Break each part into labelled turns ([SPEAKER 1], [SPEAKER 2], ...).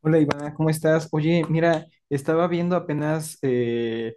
[SPEAKER 1] Hola Iván, ¿cómo estás? Oye, mira, estaba viendo apenas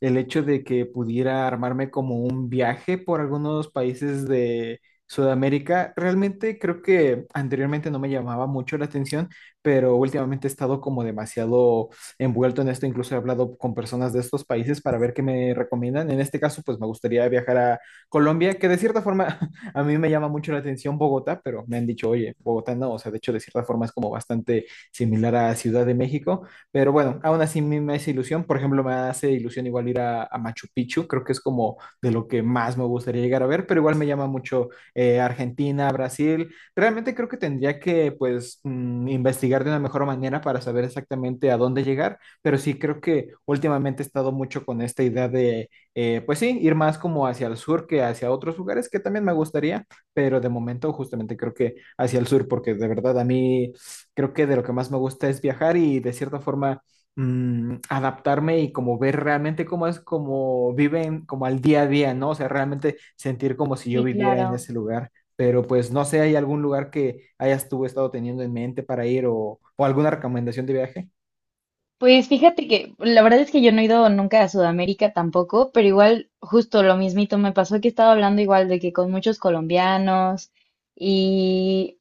[SPEAKER 1] el hecho de que pudiera armarme como un viaje por algunos países de Sudamérica. Realmente creo que anteriormente no me llamaba mucho la atención, pero últimamente he estado como demasiado envuelto en esto. Incluso he hablado con personas de estos países para ver qué me recomiendan. En este caso, pues me gustaría viajar a Colombia, que de cierta forma a mí me llama mucho la atención Bogotá, pero me han dicho, oye, Bogotá no, o sea, de hecho de cierta forma es como bastante similar a Ciudad de México, pero bueno, aún así me hace ilusión, por ejemplo, me hace ilusión igual ir a Machu Picchu, creo que es como de lo que más me gustaría llegar a ver, pero igual me llama mucho Argentina, Brasil, realmente creo que tendría que pues investigar de una mejor manera para saber exactamente a dónde llegar, pero sí creo que últimamente he estado mucho con esta idea de, pues sí, ir más como hacia el sur que hacia otros lugares que también me gustaría, pero de momento justamente creo que hacia el sur, porque de verdad a mí creo que de lo que más me gusta es viajar y de cierta forma adaptarme y como ver realmente cómo es, como viven, como al día a día, ¿no? O sea, realmente sentir como si yo
[SPEAKER 2] Sí,
[SPEAKER 1] viviera en
[SPEAKER 2] claro.
[SPEAKER 1] ese lugar. Pero pues no sé, ¿hay algún lugar que hayas tú estado teniendo en mente para ir o alguna recomendación de viaje?
[SPEAKER 2] Pues fíjate que la verdad es que yo no he ido nunca a Sudamérica tampoco, pero igual justo lo mismito me pasó que estaba hablando igual de que con muchos colombianos y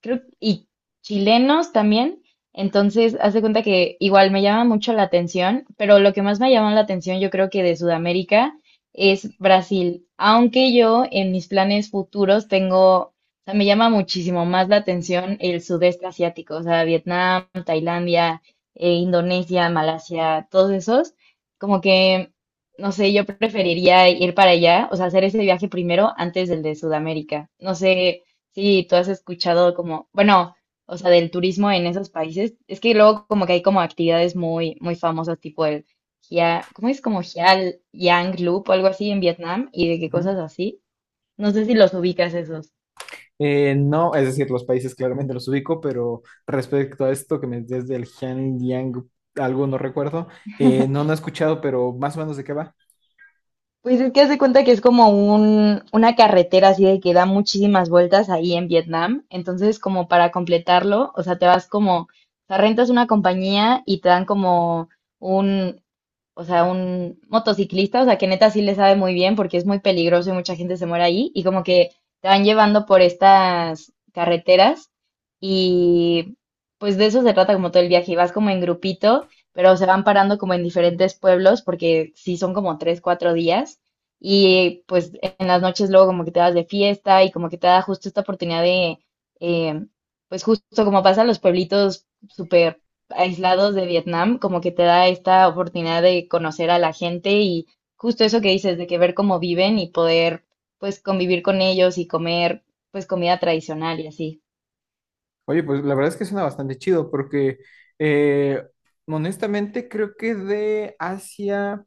[SPEAKER 2] y chilenos también. Entonces, haz de cuenta que igual me llama mucho la atención, pero lo que más me llama la atención, yo creo que de Sudamérica es Brasil. Aunque yo en mis planes futuros tengo, o sea, me llama muchísimo más la atención el sudeste asiático, o sea, Vietnam, Tailandia, Indonesia, Malasia, todos esos. Como que, no sé, yo preferiría ir para allá, o sea, hacer ese viaje primero antes del de Sudamérica. No sé. Sí, ¿tú has escuchado como, bueno, o sea, del turismo en esos países? Es que luego como que hay como actividades muy, muy famosas, tipo el Hia, ¿cómo es? Como Hia Yang Loop o algo así en Vietnam y de qué cosas
[SPEAKER 1] Ujú.
[SPEAKER 2] así. No sé si los ubicas esos.
[SPEAKER 1] No, es decir, los países claramente los ubico, pero respecto a esto que me desde el Yang algo no recuerdo, no, no he escuchado, pero más o menos de qué va.
[SPEAKER 2] Pues es que hace cuenta que es como una carretera así de que da muchísimas vueltas ahí en Vietnam. Entonces, como para completarlo, o sea, te vas como, o sea, rentas una compañía y te dan como un, o sea, un motociclista, o sea, que neta sí le sabe muy bien porque es muy peligroso y mucha gente se muere ahí. Y como que te van llevando por estas carreteras y pues de eso se trata como todo el viaje. Y vas como en grupito, pero se van parando como en diferentes pueblos porque sí son como tres, cuatro días. Y pues en las noches luego como que te vas de fiesta y como que te da justo esta oportunidad de, eh, pues justo como pasa en los pueblitos súper aislados de Vietnam, como que te da esta oportunidad de conocer a la gente y justo eso que dices, de que ver cómo viven y poder pues convivir con ellos y comer pues comida tradicional y así.
[SPEAKER 1] Oye, pues la verdad es que suena bastante chido porque eh, honestamente creo que de Asia,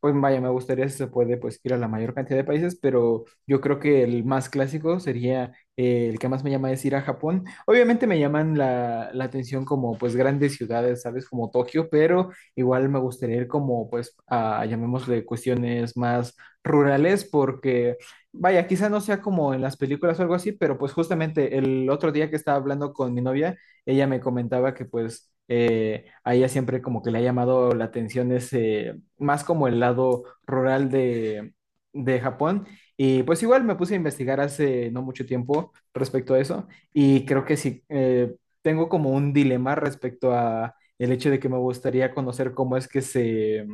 [SPEAKER 1] pues vaya, me gustaría si se puede pues ir a la mayor cantidad de países, pero yo creo que el más clásico sería el que más me llama es ir a Japón. Obviamente me llaman la atención como pues grandes ciudades, ¿sabes? Como Tokio, pero igual me gustaría ir como pues llamémosle cuestiones más rurales porque... Vaya, quizá no sea como en las películas o algo así, pero pues justamente el otro día que estaba hablando con mi novia, ella me comentaba que pues a ella siempre como que le ha llamado la atención ese, más como el lado rural de Japón. Y pues igual me puse a investigar hace no mucho tiempo respecto a eso y creo que sí, tengo como un dilema respecto a el hecho de que me gustaría conocer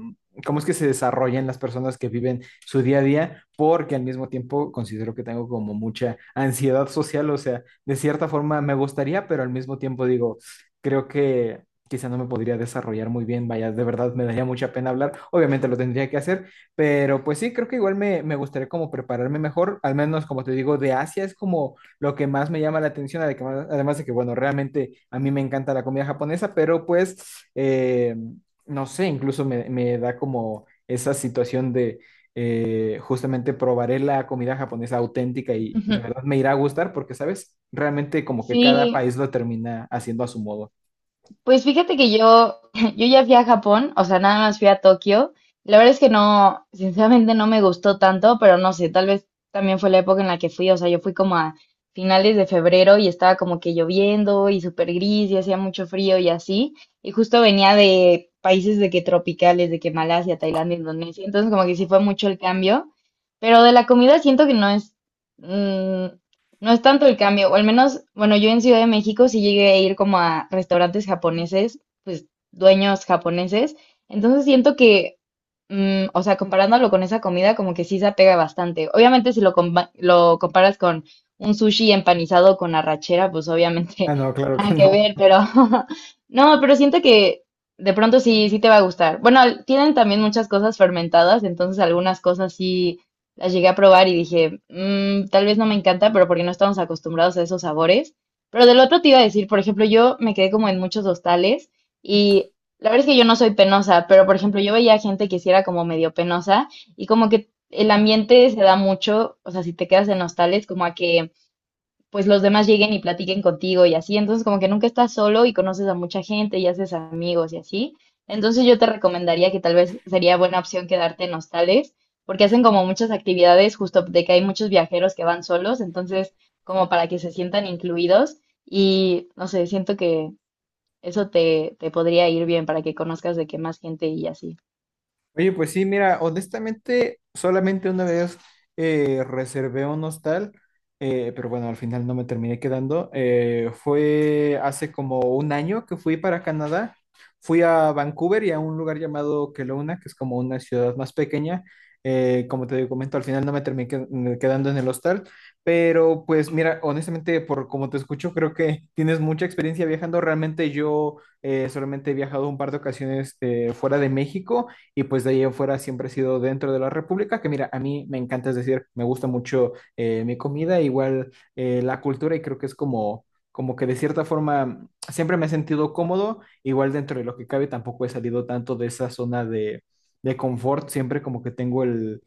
[SPEAKER 1] cómo es que se desarrollan las personas que viven su día a día, porque al mismo tiempo considero que tengo como mucha ansiedad social, o sea, de cierta forma me gustaría, pero al mismo tiempo digo, creo que quizá no me podría desarrollar muy bien, vaya, de verdad me daría mucha pena hablar, obviamente lo tendría que hacer, pero pues sí, creo que igual me gustaría como prepararme mejor, al menos como te digo, de Asia es como lo que más me llama la atención, además de que, bueno, realmente a mí me encanta la comida japonesa, pero pues, eh, no sé, incluso me da como esa situación de justamente probaré la comida japonesa auténtica y de verdad me irá a gustar porque, ¿sabes? Realmente como que cada
[SPEAKER 2] Sí.
[SPEAKER 1] país lo termina haciendo a su modo.
[SPEAKER 2] Pues fíjate que yo, yo ya fui a Japón, o sea, nada más fui a Tokio. La verdad es que no, sinceramente no me gustó tanto, pero no sé, tal vez también fue la época en la que fui, o sea, yo fui como a finales de febrero y estaba como que lloviendo y súper gris y hacía mucho frío y así. Y justo venía de países de que tropicales, de que Malasia, Tailandia, Indonesia, entonces como que sí fue mucho el cambio, pero de la comida siento que no es, mm, no es tanto el cambio, o al menos, bueno, yo en Ciudad de México sí llegué a ir como a restaurantes japoneses, pues dueños japoneses, entonces siento que, o sea, comparándolo con esa comida, como que sí se apega bastante. Obviamente si lo, lo comparas con un sushi empanizado con arrachera, pues obviamente
[SPEAKER 1] Ah, no, claro que
[SPEAKER 2] nada que
[SPEAKER 1] no.
[SPEAKER 2] ver, pero no, pero siento que de pronto sí, sí te va a gustar. Bueno, tienen también muchas cosas fermentadas, entonces algunas cosas sí las llegué a probar y dije, "Mm, tal vez no me encanta, pero porque no estamos acostumbrados a esos sabores". Pero del otro te iba a decir, por ejemplo, yo me quedé como en muchos hostales y la verdad es que yo no soy penosa, pero por ejemplo, yo veía gente que sí era como medio penosa y como que el ambiente se da mucho, o sea, si te quedas en hostales, como a que pues los demás lleguen y platiquen contigo y así. Entonces, como que nunca estás solo y conoces a mucha gente y haces amigos y así. Entonces, yo te recomendaría que tal vez sería buena opción quedarte en hostales, porque hacen como muchas actividades, justo de que hay muchos viajeros que van solos, entonces, como para que se sientan incluidos. Y no sé, siento que eso te, te podría ir bien para que conozcas de qué más gente y así.
[SPEAKER 1] Oye, pues sí, mira, honestamente, solamente una vez reservé un hostal, pero bueno, al final no me terminé quedando. Fue hace como un año que fui para Canadá. Fui a Vancouver y a un lugar llamado Kelowna, que es como una ciudad más pequeña. Como te comento, al final no me terminé quedando en el hostal, pero pues mira, honestamente, por como te escucho, creo que tienes mucha experiencia viajando. Realmente yo solamente he viajado un par de ocasiones fuera de México y pues de ahí afuera siempre he sido dentro de la República, que mira, a mí me encanta, es decir, me gusta mucho mi comida, igual la cultura y creo que es como, como que de cierta forma siempre me he sentido cómodo, igual dentro de lo que cabe tampoco he salido tanto de esa zona de confort, siempre como que tengo el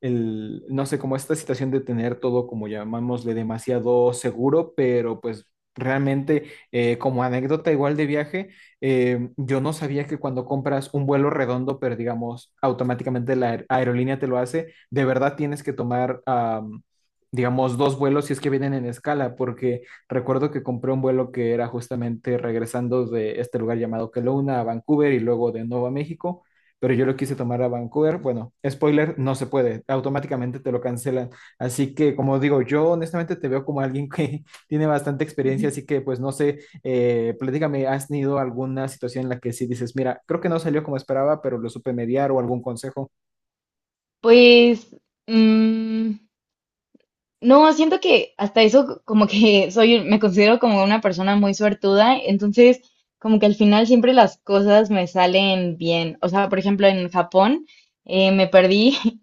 [SPEAKER 1] el, no sé, como esta situación de tener todo, como llamámosle, demasiado seguro, pero pues realmente como anécdota igual de viaje, yo no sabía que cuando compras un vuelo redondo, pero digamos, automáticamente la aerolínea te lo hace, de verdad tienes que tomar, digamos, dos vuelos si es que vienen en escala, porque recuerdo que compré un vuelo que era justamente regresando de este lugar llamado Kelowna a Vancouver y luego de nuevo a México. Pero yo lo quise tomar a Vancouver. Bueno, spoiler, no se puede. Automáticamente te lo cancelan. Así que, como digo, yo honestamente te veo como alguien que tiene bastante experiencia,
[SPEAKER 2] Ujú.
[SPEAKER 1] así que pues no sé platícame, ¿has tenido alguna situación en la que sí dices, mira, creo que no salió como esperaba, pero lo supe mediar o algún consejo?
[SPEAKER 2] Pues, mm, no, siento que hasta eso como que soy, me considero como una persona muy suertuda, entonces como que al final siempre las cosas me salen bien. O sea, por ejemplo, en Japón me perdí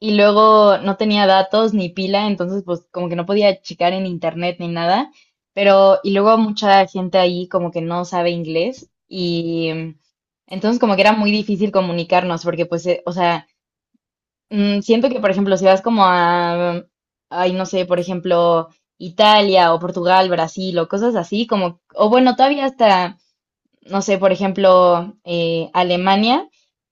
[SPEAKER 2] y luego no tenía datos ni pila, entonces pues como que no podía checar en internet ni nada, pero y luego mucha gente ahí como que no sabe inglés y entonces como que era muy difícil comunicarnos porque pues, o sea... Mm, siento que, por ejemplo, si vas como a, ay, no sé, por ejemplo, Italia o Portugal, Brasil o cosas así, como, o bueno, todavía hasta, no sé, por ejemplo, Alemania,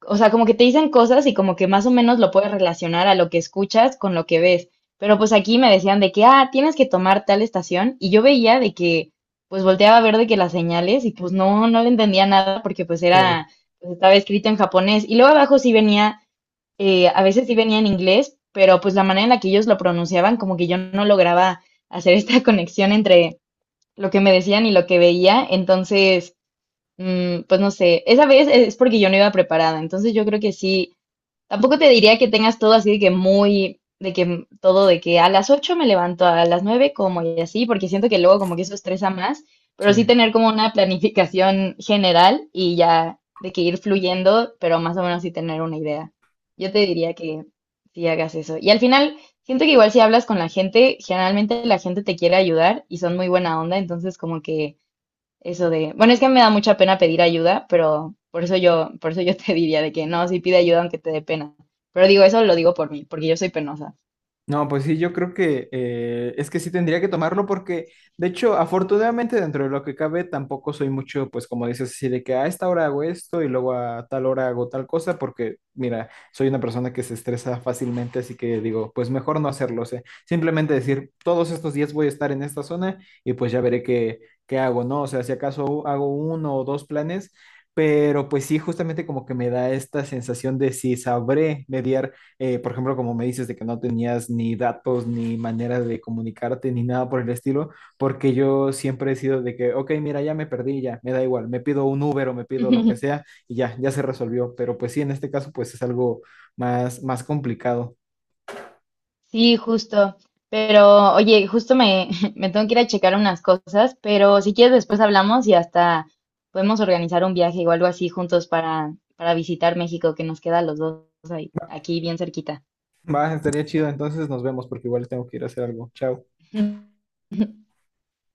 [SPEAKER 2] o sea, como que te dicen cosas y como que más o menos lo puedes relacionar a lo que escuchas con lo que ves. Pero pues aquí me decían de que, ah, tienes que tomar tal estación y yo veía de que, pues volteaba a ver de que las señales y pues no, no le entendía nada porque pues
[SPEAKER 1] Claro,
[SPEAKER 2] era, pues estaba escrito en japonés y luego abajo sí venía a veces sí venía en inglés, pero pues la manera en la que ellos lo pronunciaban, como que yo no lograba hacer esta conexión entre lo que me decían y lo que veía, entonces, pues no sé, esa vez es porque yo no iba preparada, entonces yo creo que sí, tampoco te diría que tengas todo así de que muy, de que todo de que a las 8 me levanto, a las 9 como y así, porque siento que luego como que eso estresa más, pero
[SPEAKER 1] sí.
[SPEAKER 2] sí tener como una planificación general y ya de que ir fluyendo, pero más o menos sí tener una idea. Yo te diría que sí hagas eso. Y al final, siento que igual si hablas con la gente, generalmente la gente te quiere ayudar y son muy buena onda, entonces como que eso de, bueno, es que me da mucha pena pedir ayuda, pero por eso yo te diría de que no, sí pide ayuda aunque te dé pena. Pero digo, eso lo digo por mí, porque yo soy penosa.
[SPEAKER 1] No, pues sí, yo creo que es que sí tendría que tomarlo porque, de hecho, afortunadamente dentro de lo que cabe, tampoco soy mucho, pues como dices, así de que a esta hora hago esto y luego a tal hora hago tal cosa, porque mira, soy una persona que se estresa fácilmente, así que digo, pues mejor no hacerlo, o sea, simplemente decir, todos estos días voy a estar en esta zona y pues ya veré qué hago, ¿no? O sea, si acaso hago uno o dos planes, pero pues sí, justamente como que me da esta sensación de si sabré mediar por ejemplo, como me dices de que no tenías ni datos, ni manera de comunicarte, ni nada por el estilo, porque yo siempre he sido de que, ok, mira, ya me perdí, ya, me da igual, me pido un Uber o me pido lo que sea y ya, ya se resolvió. Pero pues sí, en este caso, pues es algo más, más complicado.
[SPEAKER 2] Sí, justo. Pero, oye, me tengo que ir a checar unas cosas, pero si quieres después hablamos y hasta podemos organizar un viaje o algo así juntos para visitar México, que nos queda a los dos ahí, aquí bien cerquita.
[SPEAKER 1] Va, estaría chido, entonces nos vemos porque igual tengo que ir a hacer algo. Chao.